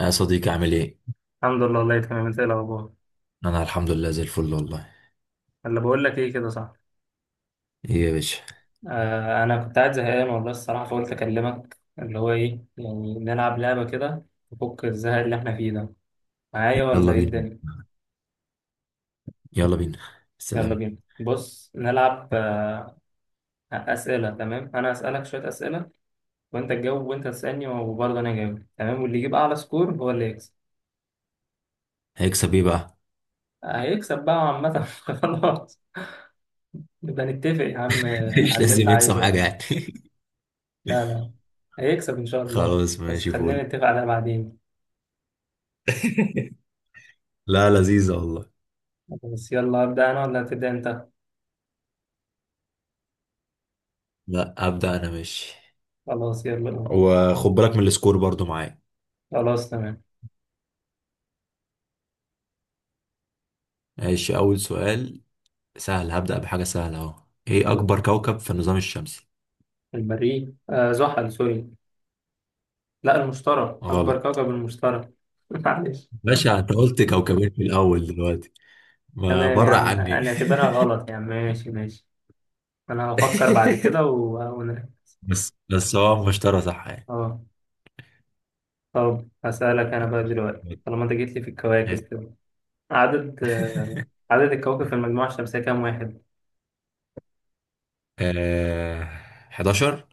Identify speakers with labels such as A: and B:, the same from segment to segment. A: يا صديقي عامل ايه؟
B: الحمد لله، والله تمام. انت ايه الاخبار؟
A: انا الحمد لله زي الفل والله.
B: اللي بقول لك ايه، كده صح؟
A: ايه يا باشا.
B: انا كنت قاعد زهقان والله الصراحه، فقلت اكلمك اللي هو ايه يعني، نلعب لعبه كده تفك الزهق اللي احنا فيه ده، معايا ولا
A: يلا
B: ايه
A: بينا.
B: الدنيا؟
A: يلا بينا.
B: يلا
A: سلام.
B: بينا بص نلعب اسئله. تمام، انا اسالك شويه اسئله وانت تجاوب، وانت تسالني وبرضه انا اجاوب، تمام؟ واللي يجيب اعلى سكور هو اللي يكسب.
A: هيكسب ايه بقى؟
B: هيكسب بقى عامه خلاص. نبقى نتفق يا عم،
A: مش
B: على اللي انت
A: لازم يكسب
B: عايزه
A: حاجة
B: بعدين.
A: يعني.
B: لا لا، هيكسب ان شاء الله،
A: خلاص
B: بس
A: ماشي
B: خلينا
A: فول.
B: نتفق على بعدين.
A: لا لذيذة والله.
B: خلاص، يلا أبدأ أنا ولا هتبدأ أنت؟
A: لا ابدأ انا ماشي.
B: خلاص يلا.
A: وخد بالك من السكور برضو معايا.
B: خلاص تمام.
A: ماشي، اول سؤال. سهل، هبدأ بحاجة سهلة اهو. ايه اكبر كوكب في النظام الشمسي؟
B: المريخ، زحل. سوري، لا المشتري أكبر
A: غلط.
B: كوكب، المشتري معلش.
A: باشا انت قلت كوكبين في الاول دلوقتي، ما
B: تمام يا
A: برع
B: عم،
A: عني.
B: أنا اعتبرها غلط يا عم، ماشي ماشي. أنا هفكر بعد كده ونرجع.
A: بس هو المشترى صح يعني.
B: أه. طب هسألك أنا بقى دلوقتي،
A: ماشي.
B: طالما أنت جيت لي في الكواكب كده. عدد آه عدد الكواكب في المجموعة الشمسية كام واحد؟
A: آه... 11.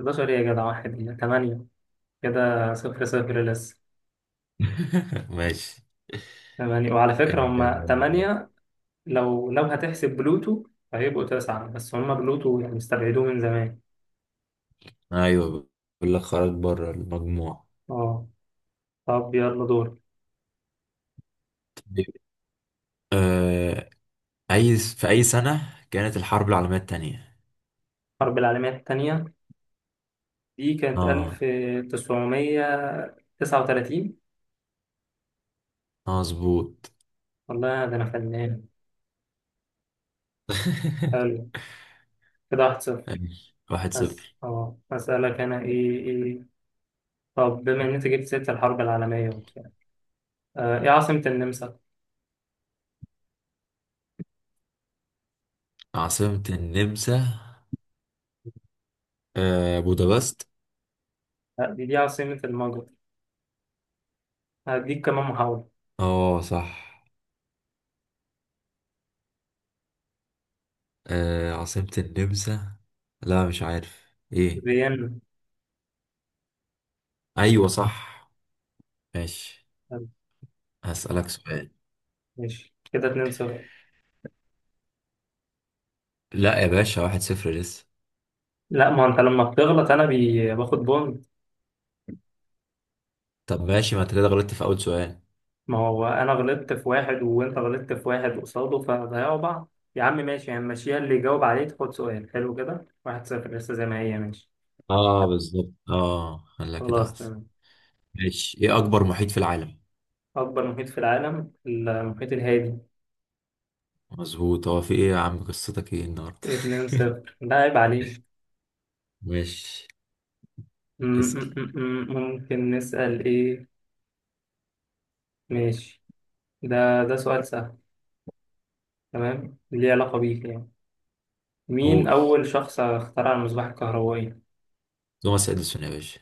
B: 11 إيه يا جدع، واحد 8. كده 0-0 لسه.
A: ماشي.
B: تمانية، وعلى فكرة هما
A: آه...
B: تمانية لو هتحسب بلوتو، فهيبقوا تسعة يعني، بس هما بلوتو يعني استبعدوه من زمان.
A: ايوه، بقول لك خرج بره المجموع.
B: اه طب يلا دور.
A: طيب، آه... اي في سنة كانت الحرب العالمية التانية؟
B: الحرب العالمية التانية دي كانت
A: اه.
B: 1939.
A: مظبوط.
B: والله ده أنا فنان. حلو، كده 1-0.
A: ماشي. واحد
B: بس
A: صفر.
B: أسألك أنا إيه طب بما إن أنت جبت سيرة الحرب العالمية وبتاع، إيه عاصمة النمسا؟
A: عاصمة النمسا؟ بودابست.
B: لا، دي عاصمة المجر. هديك كمان محاولة.
A: اه صح. عاصمة النمسا، لا مش عارف ايه.
B: فيينا.
A: ايوه صح. ماشي.
B: حلو،
A: هسألك سؤال.
B: ماشي كده 2-0.
A: لا يا باشا واحد صفر لسه.
B: لا، ما انت لما بتغلط انا باخد بونت.
A: طب ماشي، ما انت كده غلطت في اول سؤال.
B: ما هو انا غلطت في واحد وانت غلطت في واحد قصاده، فهنضيعوا بعض يا عم. ماشي يعني، ماشيها اللي يجاوب عليه تاخد سؤال حلو كده. 1-0 لسه زي ما هي، ماشي.
A: اه بالظبط، اه خليها كده
B: خلاص
A: احسن.
B: تمام.
A: ماشي، ايه اكبر محيط في العالم؟
B: اكبر محيط في العالم المحيط الهادي.
A: مظبوط، هو في ايه يا عم قصتك ايه النهارده؟
B: اتنين صفر ده عيب عليه.
A: ماشي. اسأل.
B: ممكن نسأل ايه. ماشي، ده سؤال سهل، تمام، ليه علاقة بيك يعني. مين
A: قول.
B: أول شخص اخترع المصباح الكهربائي؟
A: توماس اديسون يا باشا.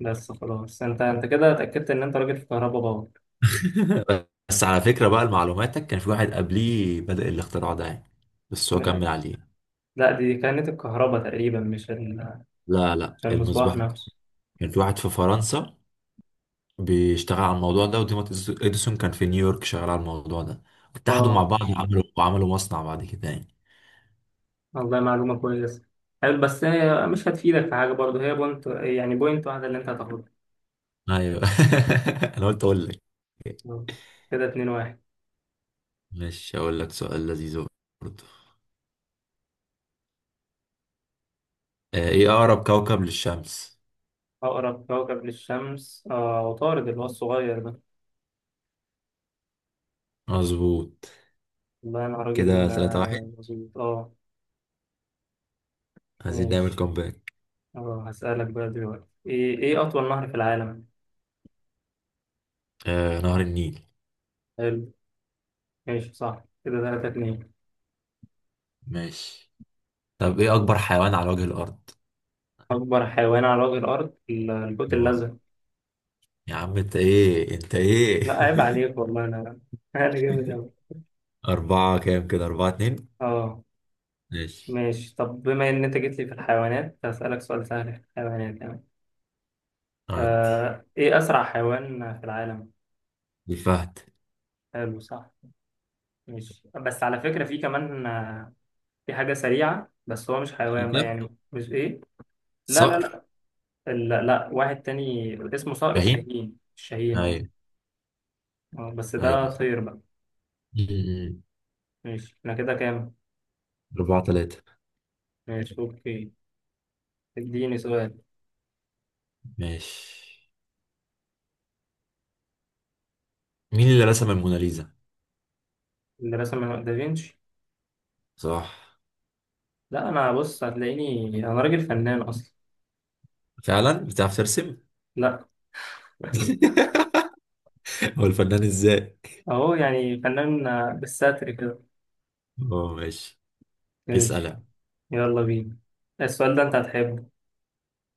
B: بس خلاص، انت كده اتأكدت ان انت راجل في كهرباء.
A: بس على فكرة بقى لمعلوماتك كان في واحد قبليه بدأ الاختراع ده يعني. بس هو
B: باور.
A: كمل عليه.
B: لا، دي كانت الكهرباء تقريبا،
A: لا لا،
B: مش المصباح
A: المصباح.
B: نفسه.
A: كان في واحد في فرنسا بيشتغل على الموضوع ده، وتوماس اديسون كان في نيويورك شغال على الموضوع ده. اتحدوا مع
B: اه،
A: بعض وعملوا مصنع بعد كده يعني.
B: والله معلومة كويسة. حلو، بس هي مش هتفيدك في حاجة برضه، هي بوينت يعني بوينت واحدة اللي انت هتاخدها.
A: ايوه. انا قلت اقول لك.
B: آه. كده 2-1.
A: مش هقول لك سؤال لذيذ برضه. ايه اقرب كوكب للشمس؟
B: أقرب كوكب للشمس عطارد، اللي هو الصغير ده.
A: مظبوط.
B: والله أنا
A: كده
B: راجل،
A: ثلاثة واحد.
B: مظبوط اه.
A: عايزين نعمل
B: ماشي،
A: كومباك.
B: اه هسألك بقى دلوقتي، ايه أطول نهر في العالم؟
A: نهر النيل.
B: حلو. ماشي صح، كده 3-2.
A: ماشي. طب ايه اكبر حيوان على وجه الارض؟
B: أكبر حيوان على وجه الأرض الحوت
A: اه،
B: الأزرق.
A: يا عم انت ايه انت ايه؟
B: لا عيب عليك، والله أنا أنا جامد أوي.
A: أربعة كام؟ كده أربعة اتنين.
B: اه.
A: ماشي.
B: ماشي، طب بما ان انت جيت لي في الحيوانات هسألك سؤال سهل في الحيوانات يعني.
A: عدي.
B: ايه اسرع حيوان في العالم؟
A: الفهد.
B: حلو صح. ماشي، بس على فكرة في كمان، في حاجة سريعة، بس هو مش حيوان بقى يعني، مش ايه. لا لا
A: صقر.
B: لا. لا، لا. واحد تاني اسمه صقر
A: فهيم.
B: الشاهين، الشاهين هو.
A: ايوه،
B: بس
A: ايوه.
B: ده طير بقى.
A: أمم.
B: ماشي، احنا كده كام؟
A: أربعة تلاتة.
B: ماشي اوكي. اديني سؤال.
A: ماشي. مين اللي رسم الموناليزا؟
B: اللي رسم دافينشي.
A: صح.
B: لا، انا بص هتلاقيني انا راجل فنان اصلا.
A: فعلا بتعرف ترسم؟
B: لا.
A: هو الفنان ازاي؟
B: اهو يعني فنان، بالستر كده.
A: اه ماشي. اسأل
B: ماشي.
A: يعني.
B: يلا بينا، السؤال ده انت هتحبه.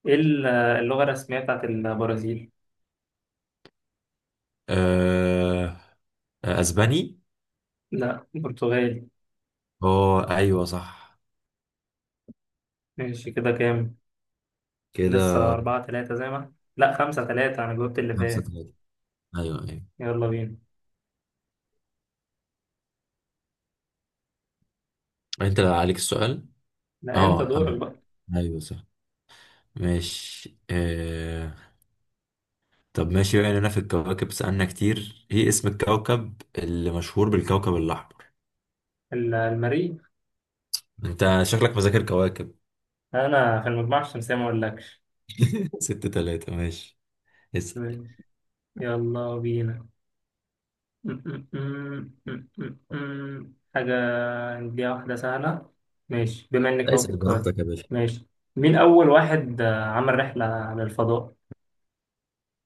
B: ايه اللغة الرسمية بتاعت البرازيل؟
A: أه... اسباني؟
B: لا، برتغالي.
A: اه ايوه صح.
B: ماشي كده كام؟
A: كده
B: لسه 4-3 زي ما إحنا. لا، 5-3، أنا جاوبت اللي
A: خمسة
B: فات.
A: تلاتة. ايوه، ايوه.
B: يلا بينا.
A: انت اللي عليك السؤال؟
B: لا، أنت
A: اه
B: دورك
A: انا.
B: بقى.
A: ايوه صح. ماشي. طب ماشي بقى لنا في الكواكب، سألنا كتير، ايه اسم الكوكب اللي مشهور بالكوكب الأحمر؟
B: المريخ.
A: انت شكلك مذاكر كواكب.
B: أنا في المجموعة الشمسية ما أقولكش.
A: ست تلاتة. ماشي. اسأل.
B: ماشي. يلا بينا. م- م- م- م- م- م. حاجة هنديها واحدة سهلة. ماشي بما إنك أهو
A: اسال
B: بتقول.
A: براحتك يا باشا.
B: ماشي، مين أول واحد، عمل رحلة للفضاء؟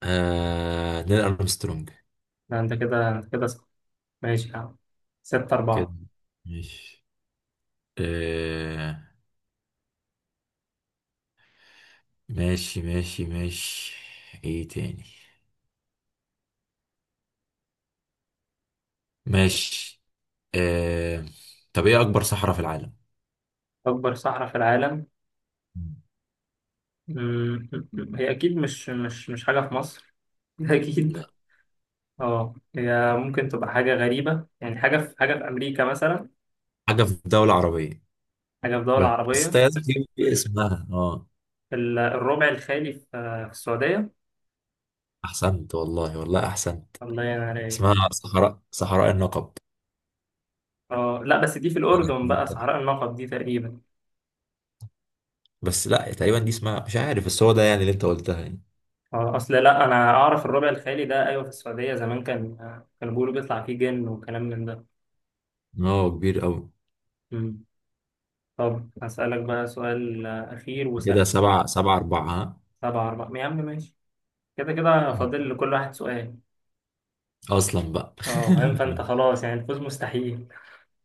A: نيل أرمسترونج.
B: ده أنت كده صح. ماشي يا عم، 6-4.
A: كده. ماشي. آه... ماشي ماشي ماشي، ايه تاني؟ ماشي. آه... طب ايه أكبر صحراء في العالم؟
B: أكبر صحراء في العالم، مم، هي أكيد مش حاجة في مصر، أكيد.
A: لا،
B: هي ممكن تبقى حاجة غريبة، يعني حاجة في أمريكا مثلا.
A: حاجة في دولة عربية
B: حاجة في دول
A: بس.
B: عربية.
A: انت لازم تجيب اسمها اه.
B: الربع الخالي في السعودية.
A: أحسنت والله، والله أحسنت.
B: الله ينور عليك.
A: اسمها صحراء النقب.
B: أه لا، بس دي في الأردن بقى، صحراء النقب دي تقريبا.
A: بس لا تقريبا دي اسمها مش عارف، بس هو ده يعني اللي انت قلتها يعني.
B: اصل لا، انا اعرف الربع الخالي ده، ايوه في السعوديه، زمان كان كانوا بيقولوا بيطلع فيه جن وكلام من ده.
A: إن هو كبير قوي.
B: مم. طب هسألك بقى سؤال، اخير
A: كده
B: وسهل.
A: سبعة أربعة، ها؟
B: 7-4 يا عم، ماشي. كده كده
A: مم.
B: فاضل لكل واحد سؤال.
A: أصلا بقى.
B: اه فاهم، فانت خلاص يعني الفوز مستحيل.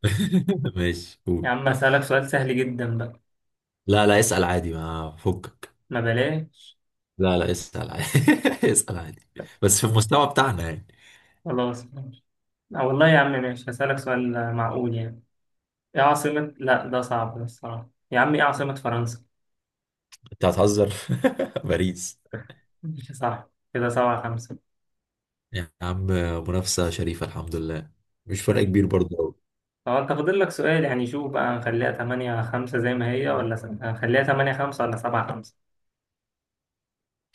A: ماشي،
B: يا
A: قول.
B: عم هسألك سؤال سهل جدا بقى.
A: لا لا، اسأل عادي ما فكك.
B: ما بلاش.
A: لا لا، اسأل عادي. اسأل عادي. بس في المستوى بتاعنا يعني.
B: خلاص ماشي. والله يا عم ماشي، هسألك سؤال، معقول يعني. ايه عاصمة، لا ده صعب ده الصراحة يا عم، ايه عاصمة فرنسا؟
A: انت هتهزر. باريس.
B: ماشي صح، كده 7-5.
A: يا عم، منافسة شريفة الحمد لله. مش فرق
B: ماشي.
A: كبير برضه أوي.
B: هو انت فاضل لك سؤال يعني، شوف بقى، هنخليها 8-5 زي ما هي، ولا هنخليها 8-5 ولا 7-5؟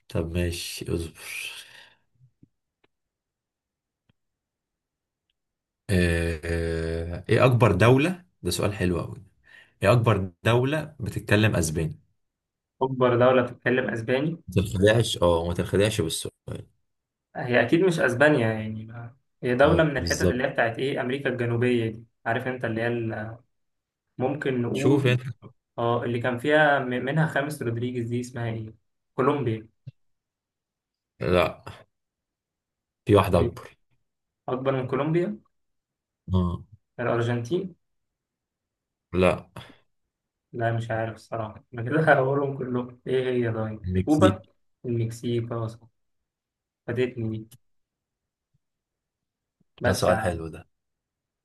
A: طب ماشي، اصبر. ايه اكبر دولة، ده سؤال حلو قوي. ايه اكبر دولة بتتكلم اسباني؟
B: أكبر دولة بتتكلم أسباني.
A: ما تنخدعش، اه ما تنخدعش بالسؤال.
B: هي أكيد مش أسبانيا يعني هي دولة
A: اه
B: من الحتت اللي
A: بالظبط.
B: هي بتاعت إيه، أمريكا الجنوبية دي، عارف أنت اللي هي. ممكن
A: شوف
B: نقول،
A: انت.
B: اه اللي كان فيها منها خامس رودريجيز، دي اسمها إيه؟ كولومبيا.
A: لا. في واحدة
B: أمال إيه،
A: أكبر.
B: أكبر من كولومبيا؟
A: اه.
B: الأرجنتين.
A: لا.
B: لا، مش عارف الصراحة أنا كده هقولهم كلهم، إيه هي، طيب
A: المكسيك.
B: كوبا. المكسيك. خلاص، فاتتني دي،
A: ده
B: بس.
A: سؤال حلو ده.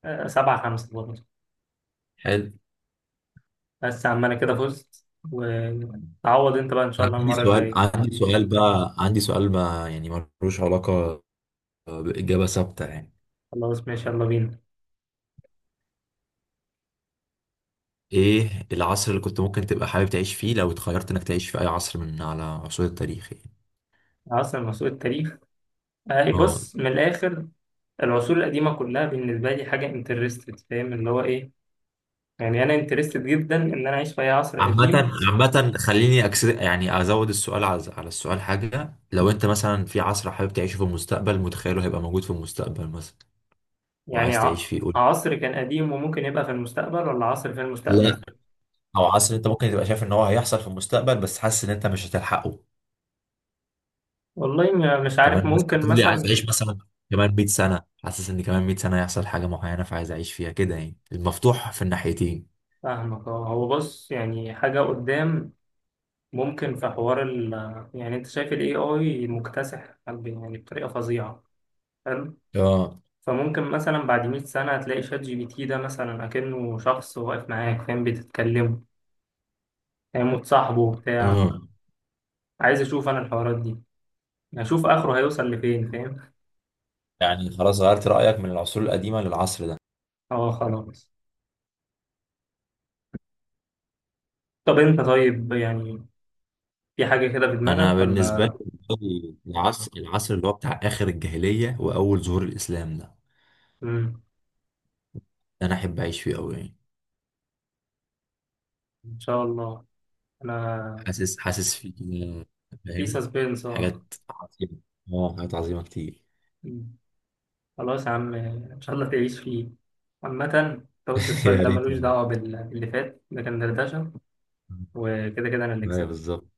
B: 7-5 برضه.
A: حلو.
B: بس يا عم أنا كده فزت، وتعوض أنت بقى إن شاء
A: أنا
B: الله
A: عندي
B: المرة
A: سؤال،
B: الجاية.
A: عندي سؤال بقى، عندي سؤال ما يعني ملوش علاقة بإجابة ثابتة يعني.
B: خلاص ماشي، يلا بينا.
A: إيه العصر اللي كنت ممكن تبقى حابب تعيش فيه لو اتخيرت إنك تعيش في أي عصر من على عصور التاريخ يعني؟
B: عاصم عصور التاريخ. إيه،
A: اه.
B: بص من الآخر. العصور القديمة كلها بالنسبة لي حاجة انترستد، فاهم اللي هو إيه. يعني أنا انترستد جدا إن أنا أعيش في أي عصر قديم.
A: عامة، عامة خليني يعني أزود السؤال على السؤال حاجة، لو أنت مثلا في عصر حابب تعيشه في المستقبل متخيله هيبقى موجود في المستقبل مثلا
B: يعني
A: وعايز تعيش فيه، قول.
B: عصر كان قديم وممكن يبقى في المستقبل، ولا عصر في المستقبل.
A: لا. أو عصر أنت ممكن تبقى شايف إن هو هيحصل في المستقبل بس حاسس إن أنت مش هتلحقه.
B: والله مش عارف،
A: كمان مثلا
B: ممكن
A: تقول لي عايز
B: مثلا.
A: أعيش مثلا كمان 100 سنة، حاسس إن كمان 100 سنة هيحصل حاجة معينة فعايز أعيش فيها كده، يعني المفتوح في الناحيتين.
B: فاهمك، هو بص يعني حاجة قدام، ممكن في حوار. يعني انت شايف ال AI مكتسح يعني بطريقة فظيعة. حلو.
A: اه.
B: فممكن مثلا بعد 100 سنة هتلاقي شات جي بي تي ده مثلا أكنه شخص واقف معاك، فاهم، بتتكلموا، فاهم وتصاحبه بتاع.
A: اه.
B: عايز أشوف أنا الحوارات دي، أشوف آخره هيوصل لفين، فاهم.
A: يعني خلاص غيرت رأيك من العصور القديمة للعصر ده؟
B: اه خلاص. طب أنت طيب يعني، في حاجة كده في
A: انا
B: دماغك ولا
A: بالنسبه
B: لأ؟
A: لي العصر اللي هو بتاع اخر الجاهليه واول ظهور الاسلام ده.
B: مم.
A: ده انا احب اعيش فيه قوي يعني.
B: إن شاء الله. أنا
A: حاسس فيه كده.
B: في
A: فاهم،
B: سسبنس، اه.
A: حاجات عظيمه. اه، حاجات عظيمه كتير.
B: خلاص يا عم، ان شاء الله تعيش فيه. عامة انت قلت السؤال
A: يا
B: ده
A: ريت
B: ملوش
A: والله.
B: دعوة باللي فات، ده كان دردشة، وكده كده انا اللي
A: ايوه
B: كسبت.
A: بالظبط.